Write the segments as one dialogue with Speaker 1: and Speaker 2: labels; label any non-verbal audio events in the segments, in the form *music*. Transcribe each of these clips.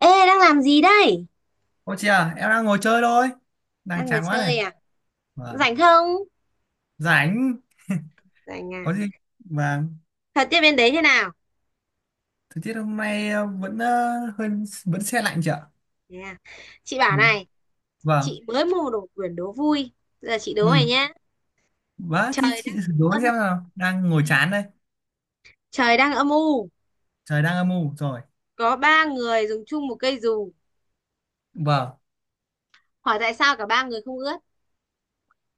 Speaker 1: Ê, đang làm gì đây?
Speaker 2: Ô chị à, em đang ngồi chơi thôi. Đang
Speaker 1: Đang ngồi
Speaker 2: chán quá này.
Speaker 1: chơi à?
Speaker 2: Vâng.
Speaker 1: Rảnh không?
Speaker 2: Rảnh. *laughs*
Speaker 1: Rảnh à?
Speaker 2: Có gì? Vâng.
Speaker 1: Thật tiết bên đấy thế nào?
Speaker 2: Thời tiết hôm nay vẫn hơi vẫn se lạnh chị ạ.
Speaker 1: Thế à? Chị bảo
Speaker 2: Ừ.
Speaker 1: này,
Speaker 2: Vâng.
Speaker 1: chị mới mua đồ quyển đố vui. Giờ chị đố
Speaker 2: Ừ.
Speaker 1: mày nhá.
Speaker 2: Vâng, thì
Speaker 1: Trời
Speaker 2: chị
Speaker 1: đang
Speaker 2: thử đố
Speaker 1: âm
Speaker 2: xem
Speaker 1: u.
Speaker 2: nào. Đang ngồi
Speaker 1: Ừ,
Speaker 2: chán đây.
Speaker 1: Trời đang âm u.
Speaker 2: Trời đang âm u rồi.
Speaker 1: Có ba người dùng chung một cây dù.
Speaker 2: Vâng.
Speaker 1: Hỏi tại sao cả ba người không ướt?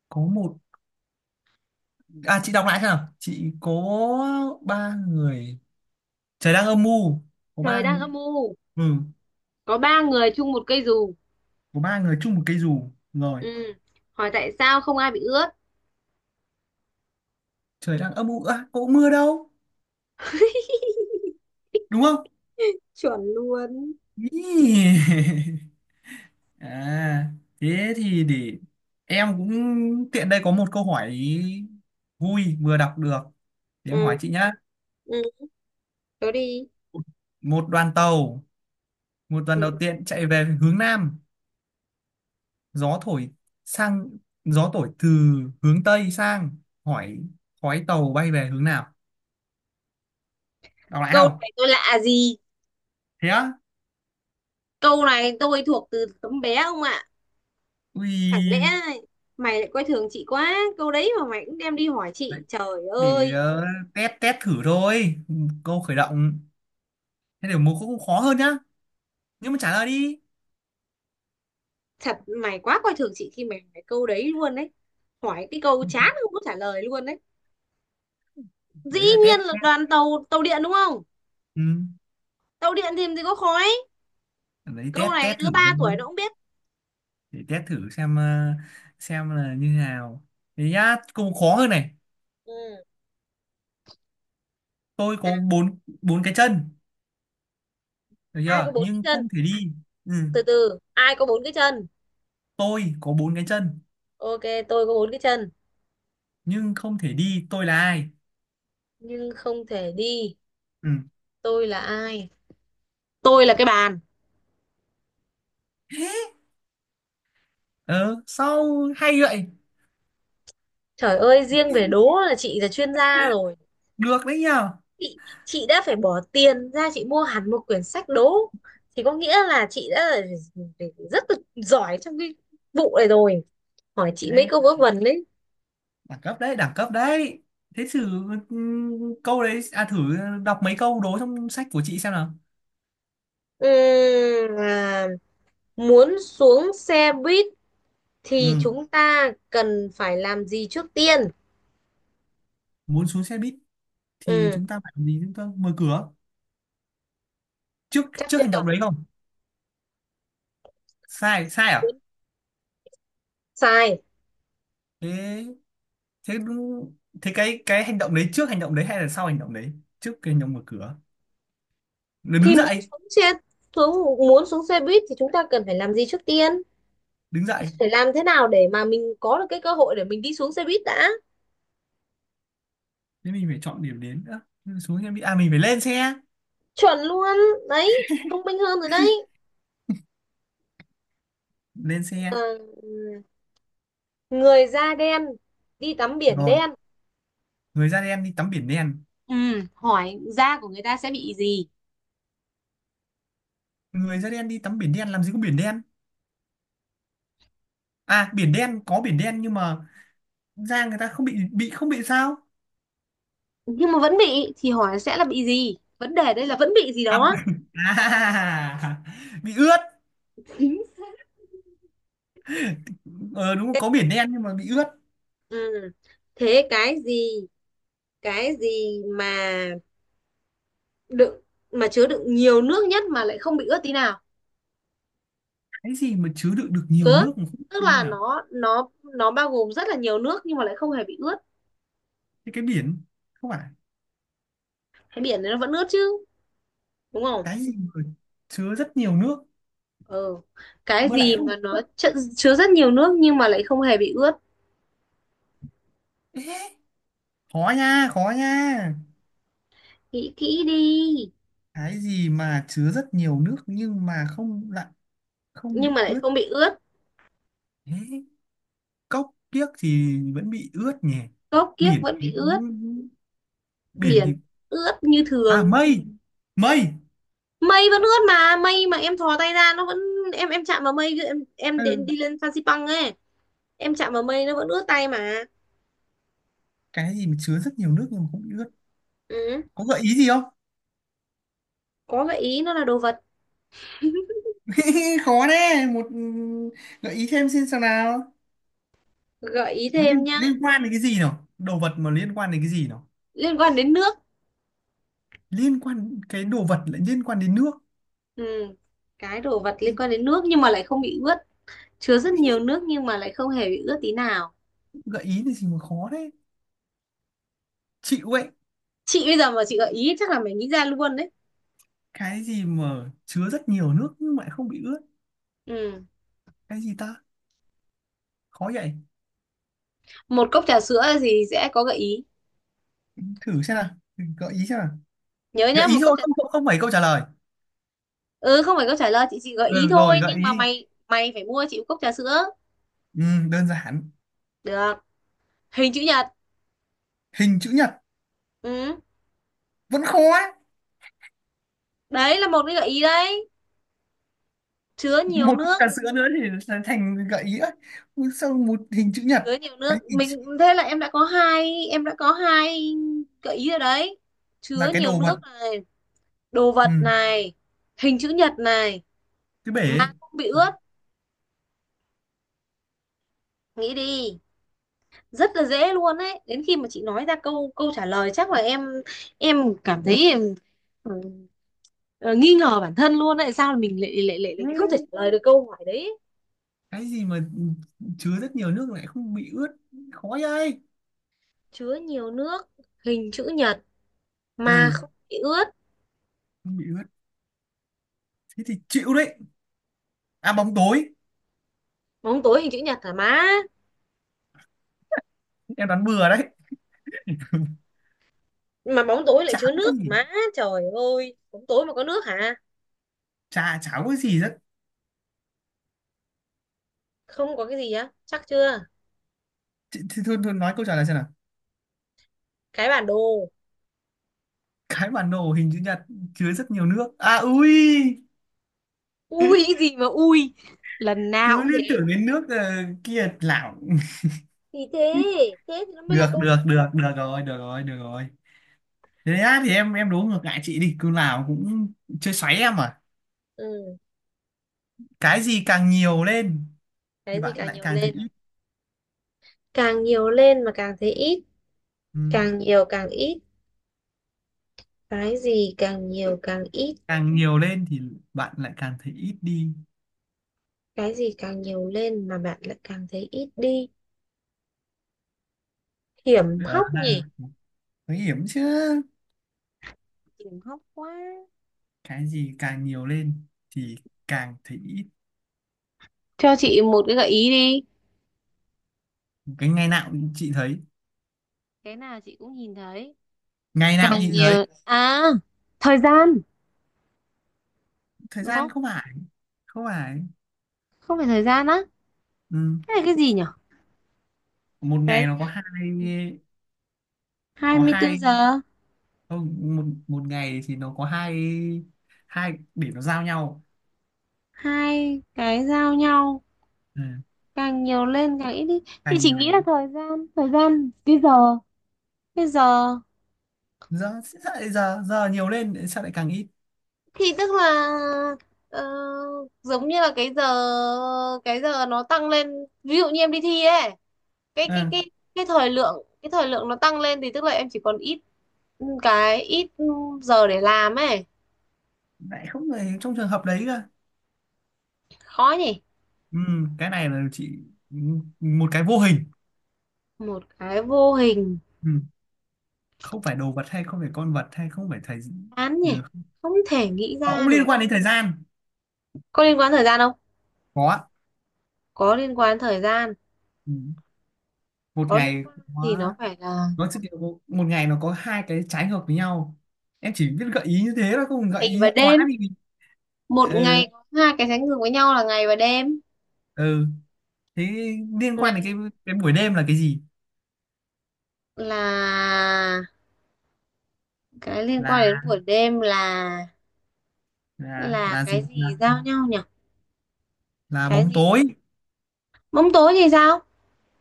Speaker 2: Có một... À chị đọc lại xem nào. Chị có ba người... Trời đang âm u. Có
Speaker 1: Trời
Speaker 2: ba...
Speaker 1: đang âm
Speaker 2: ng-
Speaker 1: u.
Speaker 2: Ừ.
Speaker 1: Có ba người chung một cây dù.
Speaker 2: Có ba người chung một cây dù. Rồi.
Speaker 1: Ừ. Hỏi tại sao không ai bị ướt?
Speaker 2: Trời đang âm u. À, có mưa đâu.
Speaker 1: *laughs*
Speaker 2: Đúng không?
Speaker 1: Chuẩn luôn. Chính.
Speaker 2: Ý. *laughs* À, thế thì để em cũng tiện đây có một câu hỏi vui vừa đọc được. Thì em
Speaker 1: Ừ.
Speaker 2: hỏi chị nhá.
Speaker 1: Ừ. Đố đi.
Speaker 2: Một đoàn tàu, một đoàn đầu
Speaker 1: Ừ.
Speaker 2: tiên chạy về hướng Nam, gió thổi sang gió thổi từ hướng Tây sang, hỏi khói tàu bay về hướng nào? Đọc lại
Speaker 1: Câu
Speaker 2: không?
Speaker 1: này tôi lạ gì?
Speaker 2: Thế á?
Speaker 1: Câu này tôi thuộc từ tấm bé không ạ. Chẳng lẽ
Speaker 2: Ui,
Speaker 1: mày lại coi thường chị quá. Câu đấy mà mày cũng đem đi hỏi chị.
Speaker 2: đấy,
Speaker 1: Trời
Speaker 2: để
Speaker 1: ơi,
Speaker 2: test test thử thôi. Câu khởi động. Thế để một câu cũng khó hơn nhá. Nhưng mà trả lời đi.
Speaker 1: thật mày quá coi thường chị khi mày hỏi câu đấy luôn đấy. Hỏi cái câu chán không có trả lời luôn đấy. Dĩ
Speaker 2: Đấy là test
Speaker 1: nhiên là
Speaker 2: test.
Speaker 1: đoàn tàu tàu điện đúng không?
Speaker 2: Ừ.
Speaker 1: Tàu điện thì làm gì có khói.
Speaker 2: Đấy
Speaker 1: Câu
Speaker 2: test
Speaker 1: này
Speaker 2: test
Speaker 1: đứa
Speaker 2: thử
Speaker 1: 3
Speaker 2: thôi,
Speaker 1: tuổi nó cũng biết.
Speaker 2: để test thử xem là như thế nào, thế nhá, cũng khó hơn này.
Speaker 1: Ừ.
Speaker 2: Tôi
Speaker 1: À,
Speaker 2: có bốn bốn cái chân, được
Speaker 1: ai có
Speaker 2: chưa,
Speaker 1: bốn cái
Speaker 2: nhưng
Speaker 1: chân?
Speaker 2: không thể đi. Ừ.
Speaker 1: Từ từ, ai có bốn cái chân?
Speaker 2: Tôi có bốn cái chân
Speaker 1: Ok, tôi có bốn cái chân
Speaker 2: nhưng không thể đi. Tôi là ai?
Speaker 1: nhưng không thể đi.
Speaker 2: Ừ.
Speaker 1: Tôi là ai? Tôi là cái bàn.
Speaker 2: ờ Sau hay vậy.
Speaker 1: Trời ơi, riêng về đố là chị là chuyên gia rồi.
Speaker 2: Được đấy nhờ.
Speaker 1: Chị đã phải bỏ tiền ra chị mua hẳn một quyển sách đố. Thì có nghĩa là chị đã là rất là giỏi trong cái vụ này rồi. Hỏi chị mấy
Speaker 2: Đấy,
Speaker 1: câu vớ vẩn đấy.
Speaker 2: đẳng cấp đấy, đẳng cấp đấy. Thế thử, ừ, câu đấy à, thử đọc mấy câu đố trong sách của chị xem nào.
Speaker 1: Ừm, à, muốn xuống xe buýt thì
Speaker 2: Ừ.
Speaker 1: chúng ta cần phải làm gì trước tiên?
Speaker 2: Muốn xuống xe buýt thì
Speaker 1: Ừ,
Speaker 2: chúng ta phải làm gì? Chúng ta mở cửa trước,
Speaker 1: chắc
Speaker 2: trước
Speaker 1: chưa?
Speaker 2: hành động đấy không? Sai sai à?
Speaker 1: Muốn Sai.
Speaker 2: Thế thế đúng. Thế cái hành động đấy trước hành động đấy hay là sau hành động đấy? Trước cái hành động mở cửa. Rồi đứng
Speaker 1: Thì
Speaker 2: dậy.
Speaker 1: muốn xuống xe buýt thì chúng ta cần phải làm gì trước tiên?
Speaker 2: Đứng dậy.
Speaker 1: Phải làm thế nào để mà mình có được cái cơ hội để mình đi xuống xe buýt đã.
Speaker 2: Thế mình phải chọn điểm đến nữa. Nhưng mà xuống, em đi à, mình phải lên xe.
Speaker 1: Chuẩn luôn đấy. Thông minh hơn rồi đấy.
Speaker 2: Lên xe
Speaker 1: Ờ, Người da đen đi tắm biển
Speaker 2: rồi.
Speaker 1: đen.
Speaker 2: Người da đen đi tắm biển đen.
Speaker 1: Ừ, hỏi da của người ta sẽ bị gì?
Speaker 2: Người da đen đi tắm biển đen, làm gì có biển đen. À biển đen, có biển đen nhưng mà da người ta không bị không bị sao.
Speaker 1: Nhưng mà vẫn bị thì hỏi sẽ là bị gì. Vấn đề đây là vẫn bị gì
Speaker 2: À,
Speaker 1: đó.
Speaker 2: à, *laughs* bị ướt.
Speaker 1: Chính xác.
Speaker 2: Ờ Đúng rồi, có biển đen nhưng mà bị ướt.
Speaker 1: Ừ. Thế cái gì cái gì mà đựng mà chứa đựng nhiều nước nhất mà lại không bị ướt tí nào.
Speaker 2: Cái gì mà chứa đựng được nhiều
Speaker 1: chứa
Speaker 2: nước mà không biết
Speaker 1: Tức
Speaker 2: thế
Speaker 1: là
Speaker 2: nào?
Speaker 1: nó bao gồm rất là nhiều nước nhưng mà lại không hề bị ướt.
Speaker 2: Thế cái biển. Không phải.
Speaker 1: Cái biển đấy nó vẫn ướt chứ, đúng không?
Speaker 2: Cái gì mà chứa rất nhiều nước
Speaker 1: Ừ. Cái
Speaker 2: mà lại
Speaker 1: gì
Speaker 2: không
Speaker 1: mà
Speaker 2: có
Speaker 1: nó
Speaker 2: nước?
Speaker 1: chứa rất nhiều nước nhưng mà lại không hề bị ướt.
Speaker 2: Ê, khó nha khó nha.
Speaker 1: Nghĩ kỹ đi.
Speaker 2: Cái gì mà chứa rất nhiều nước nhưng mà không, lại không
Speaker 1: Nhưng
Speaker 2: bị
Speaker 1: mà lại
Speaker 2: ướt?
Speaker 1: không bị ướt.
Speaker 2: Ê, cốc kiếc thì vẫn bị ướt nhỉ.
Speaker 1: Cốc kiếc
Speaker 2: biển
Speaker 1: vẫn
Speaker 2: thì-
Speaker 1: bị ướt.
Speaker 2: Biển
Speaker 1: Biển
Speaker 2: thì...
Speaker 1: ướt như
Speaker 2: À
Speaker 1: thường.
Speaker 2: mây mây
Speaker 1: Mây vẫn ướt mà. Mây mà em thò tay ra nó vẫn... em chạm vào mây, em
Speaker 2: Ừ.
Speaker 1: đến đi lên Phan Xipang ấy. Em chạm vào mây nó vẫn ướt tay mà.
Speaker 2: Cái gì mà chứa rất nhiều nước nhưng mà không bị ướt?
Speaker 1: Ừ.
Speaker 2: Có gợi ý gì không?
Speaker 1: Có gợi ý nó là đồ vật.
Speaker 2: *laughs* Khó đấy. Một gợi ý thêm, xin sao nào.
Speaker 1: Gợi ý
Speaker 2: Nó
Speaker 1: thêm
Speaker 2: liên,
Speaker 1: nhá.
Speaker 2: liên quan đến cái gì nào? Đồ vật mà liên quan đến cái gì nào?
Speaker 1: Liên quan đến nước.
Speaker 2: Liên quan, cái đồ vật lại liên quan đến nước.
Speaker 1: Ừ. Cái đồ vật liên quan đến nước nhưng mà lại không bị ướt. Chứa rất nhiều
Speaker 2: Ý,
Speaker 1: nước nhưng mà lại không hề bị ướt tí nào.
Speaker 2: gợi ý thì gì mà khó thế. Chịu ấy.
Speaker 1: Chị bây giờ mà chị gợi ý chắc là mày nghĩ ra luôn đấy.
Speaker 2: Cái gì mà chứa rất nhiều nước nhưng mà lại không bị ướt?
Speaker 1: Ừ.
Speaker 2: Cái gì ta, khó vậy.
Speaker 1: Một cốc trà sữa thì sẽ có gợi ý.
Speaker 2: Thử xem nào, gợi ý xem nào.
Speaker 1: Nhớ
Speaker 2: Gợi
Speaker 1: nhá,
Speaker 2: ý
Speaker 1: một cốc
Speaker 2: thôi,
Speaker 1: trà.
Speaker 2: không, không, không phải câu trả lời.
Speaker 1: Ừ, không phải cốc trà lời, chị chỉ gợi
Speaker 2: Ừ
Speaker 1: ý thôi,
Speaker 2: rồi, gợi
Speaker 1: nhưng
Speaker 2: ý
Speaker 1: mà
Speaker 2: đi.
Speaker 1: mày mày phải mua chị một cốc trà sữa.
Speaker 2: Ừ, đơn giản.
Speaker 1: Được. Hình chữ nhật.
Speaker 2: Hình chữ nhật.
Speaker 1: Ừ.
Speaker 2: Vẫn khó ấy.
Speaker 1: Đấy là một cái gợi ý đấy. Chứa nhiều
Speaker 2: Một cốc
Speaker 1: nước.
Speaker 2: trà sữa nữa thì sẽ thành gợi ý ấy. Ui, sao một hình chữ nhật.
Speaker 1: Chứa nhiều nước
Speaker 2: Cái gì?
Speaker 1: mình. Thế là em đã có hai gợi ý rồi đấy. Chứa
Speaker 2: Là cái
Speaker 1: nhiều
Speaker 2: đồ vật,
Speaker 1: nước này. Đồ vật
Speaker 2: ừ,
Speaker 1: này. Hình chữ nhật này.
Speaker 2: cái bể.
Speaker 1: Mà không bị ướt. Nghĩ đi. Rất là dễ luôn đấy. Đến khi mà chị nói ra câu câu trả lời chắc là em cảm thấy em, ừ, ờ, nghi ngờ bản thân luôn đấy. Sao mình lại lại lại,
Speaker 2: Ừ,
Speaker 1: lại không thể trả lời được câu hỏi đấy.
Speaker 2: cái gì mà chứa rất nhiều nước lại không bị ướt, khó vậy.
Speaker 1: Chứa nhiều nước. Hình chữ nhật. Mà
Speaker 2: Ừ,
Speaker 1: không bị ướt.
Speaker 2: không bị ướt, thế thì chịu đấy. À bóng tối,
Speaker 1: Bóng tối hình chữ nhật hả má?
Speaker 2: em đoán bừa đấy. *laughs*
Speaker 1: Mà bóng tối lại
Speaker 2: Chả
Speaker 1: chứa
Speaker 2: có cái
Speaker 1: nước hả
Speaker 2: gì.
Speaker 1: má? Trời ơi, bóng tối mà có nước hả?
Speaker 2: Chả chả có cái gì rất...
Speaker 1: Không có cái gì á, chắc chưa?
Speaker 2: Thì thôi, thôi nói câu trả lời xem nào.
Speaker 1: Cái bản đồ.
Speaker 2: Cái bản đồ hình chữ nhật chứa rất nhiều nước à, ui.
Speaker 1: Ui, cái gì mà ui. Lần nào
Speaker 2: Cứ
Speaker 1: cũng thế.
Speaker 2: liên tưởng đến nước, kia lảo. *laughs*
Speaker 1: Thì thế, thế thì nó mới là
Speaker 2: Được
Speaker 1: câu.
Speaker 2: được được, được rồi, được rồi, được rồi. Thế á, thì em đố ngược lại chị đi, cứ nào cũng chơi xoáy em à.
Speaker 1: Ừ
Speaker 2: Cái gì càng nhiều lên thì
Speaker 1: cái gì
Speaker 2: bạn
Speaker 1: càng
Speaker 2: lại
Speaker 1: nhiều
Speaker 2: càng thấy
Speaker 1: lên.
Speaker 2: ít?
Speaker 1: Càng nhiều lên mà càng thấy ít.
Speaker 2: Ừ.
Speaker 1: Càng nhiều càng ít. Cái gì càng nhiều càng ít.
Speaker 2: Càng nhiều lên thì bạn lại càng thấy ít đi.
Speaker 1: Cái gì càng nhiều lên mà bạn lại càng thấy ít đi. Hiểm
Speaker 2: Đó
Speaker 1: hóc
Speaker 2: là
Speaker 1: nhỉ.
Speaker 2: nguy hiểm chứ.
Speaker 1: Hiểm hóc quá.
Speaker 2: Cái gì càng nhiều lên thì càng thấy ít?
Speaker 1: Cho chị một cái gợi ý đi.
Speaker 2: Cái ngày nào cũng chị thấy,
Speaker 1: Cái nào chị cũng nhìn thấy.
Speaker 2: ngày nào cũng
Speaker 1: Càng
Speaker 2: nhìn thấy.
Speaker 1: nhiều à. Thời gian.
Speaker 2: Thời
Speaker 1: Đúng
Speaker 2: gian
Speaker 1: không?
Speaker 2: không phải, không phải.
Speaker 1: Không phải thời gian á?
Speaker 2: Ừ.
Speaker 1: Cái này cái gì nhỉ?
Speaker 2: Một
Speaker 1: Cái
Speaker 2: ngày nó
Speaker 1: gì.
Speaker 2: có hai, có
Speaker 1: 24
Speaker 2: hai.
Speaker 1: giờ.
Speaker 2: Không, một một ngày thì nó có hai, hai để nó giao nhau.
Speaker 1: Hai cái giao nhau.
Speaker 2: Ừ.
Speaker 1: Càng nhiều lên càng ít đi. Chị
Speaker 2: Càng
Speaker 1: chỉ nghĩ
Speaker 2: nhiều
Speaker 1: là thời gian cái giờ.
Speaker 2: giờ, giờ nhiều lên sao lại càng ít?
Speaker 1: Thì tức là ờ, giống như là cái giờ. Cái giờ nó tăng lên. Ví dụ như em đi thi ấy. Cái cái
Speaker 2: Ừ.
Speaker 1: cái cái thời lượng nó tăng lên thì tức là em chỉ còn ít. Ừ, cái ít giờ để làm ấy.
Speaker 2: Lại không phải trong trường hợp đấy cơ.
Speaker 1: Khó nhỉ.
Speaker 2: Ừ, cái này là chị, một cái vô hình.
Speaker 1: Một cái vô hình.
Speaker 2: Ừ. Không phải đồ vật hay không phải con vật hay không phải thời...
Speaker 1: Án
Speaker 2: Ừ.
Speaker 1: nhỉ. Không thể nghĩ
Speaker 2: Nó
Speaker 1: ra
Speaker 2: cũng liên
Speaker 1: được.
Speaker 2: quan đến thời gian.
Speaker 1: Có liên quan thời gian không?
Speaker 2: Có ạ.
Speaker 1: Có liên quan thời gian.
Speaker 2: Ừ. Một
Speaker 1: Có liên
Speaker 2: ngày
Speaker 1: quan
Speaker 2: có,
Speaker 1: thì nó phải là...
Speaker 2: nó chỉ kiểu một một ngày nó có hai cái trái ngược với nhau. Em chỉ biết gợi ý như thế thôi, không gợi
Speaker 1: Ngày
Speaker 2: ý
Speaker 1: và
Speaker 2: quá
Speaker 1: đêm.
Speaker 2: thì...
Speaker 1: Một
Speaker 2: Ừ.
Speaker 1: ngày có hai cái sánh ngược với nhau là ngày và đêm.
Speaker 2: Ừ. Thế liên quan đến cái
Speaker 1: Ngày.
Speaker 2: cái buổi đêm là cái gì?
Speaker 1: Là cái liên
Speaker 2: là
Speaker 1: quan đến buổi đêm. là
Speaker 2: là
Speaker 1: là
Speaker 2: là
Speaker 1: cái
Speaker 2: gì,
Speaker 1: gì giao nhau nhỉ?
Speaker 2: là
Speaker 1: Cái
Speaker 2: bóng
Speaker 1: gì?
Speaker 2: tối.
Speaker 1: Bóng tối thì sao?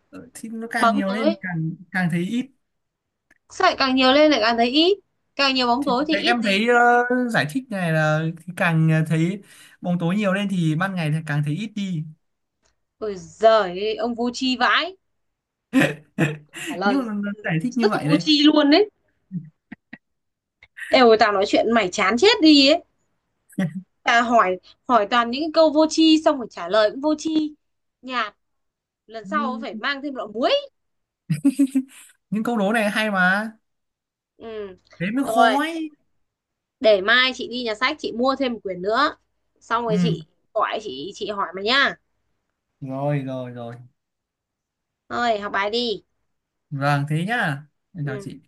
Speaker 2: Ừ, thì nó càng
Speaker 1: Bóng
Speaker 2: nhiều lên
Speaker 1: tối.
Speaker 2: càng càng thấy ít.
Speaker 1: Sợi càng nhiều lên lại càng thấy ít. Càng nhiều bóng tối thì ít
Speaker 2: Em
Speaker 1: gì.
Speaker 2: thấy, giải thích này là càng thấy bóng tối nhiều lên thì ban ngày thì càng thấy ít đi.
Speaker 1: Ôi giời, ông vô tri vãi.
Speaker 2: *laughs*
Speaker 1: Trả lời
Speaker 2: Nhưng mà giải thích như
Speaker 1: rất là
Speaker 2: vậy
Speaker 1: vô
Speaker 2: đây.
Speaker 1: tri luôn đấy. Êu, tao nói chuyện mày chán chết đi ấy. Tao hỏi hỏi toàn những cái câu vô tri xong rồi trả lời cũng vô tri. Nhạt. Lần sau phải mang thêm lọ muối.
Speaker 2: Những câu đố này hay mà.
Speaker 1: Ừ.
Speaker 2: Thế mới
Speaker 1: Rồi.
Speaker 2: khó ấy.
Speaker 1: Để mai chị đi nhà sách chị mua thêm một quyển nữa. Xong
Speaker 2: Ừ.
Speaker 1: rồi chị gọi chị hỏi mày nhá.
Speaker 2: Rồi rồi rồi.
Speaker 1: Thôi học bài đi.
Speaker 2: Vâng thế nhá, em chào chị.
Speaker 1: Ừ.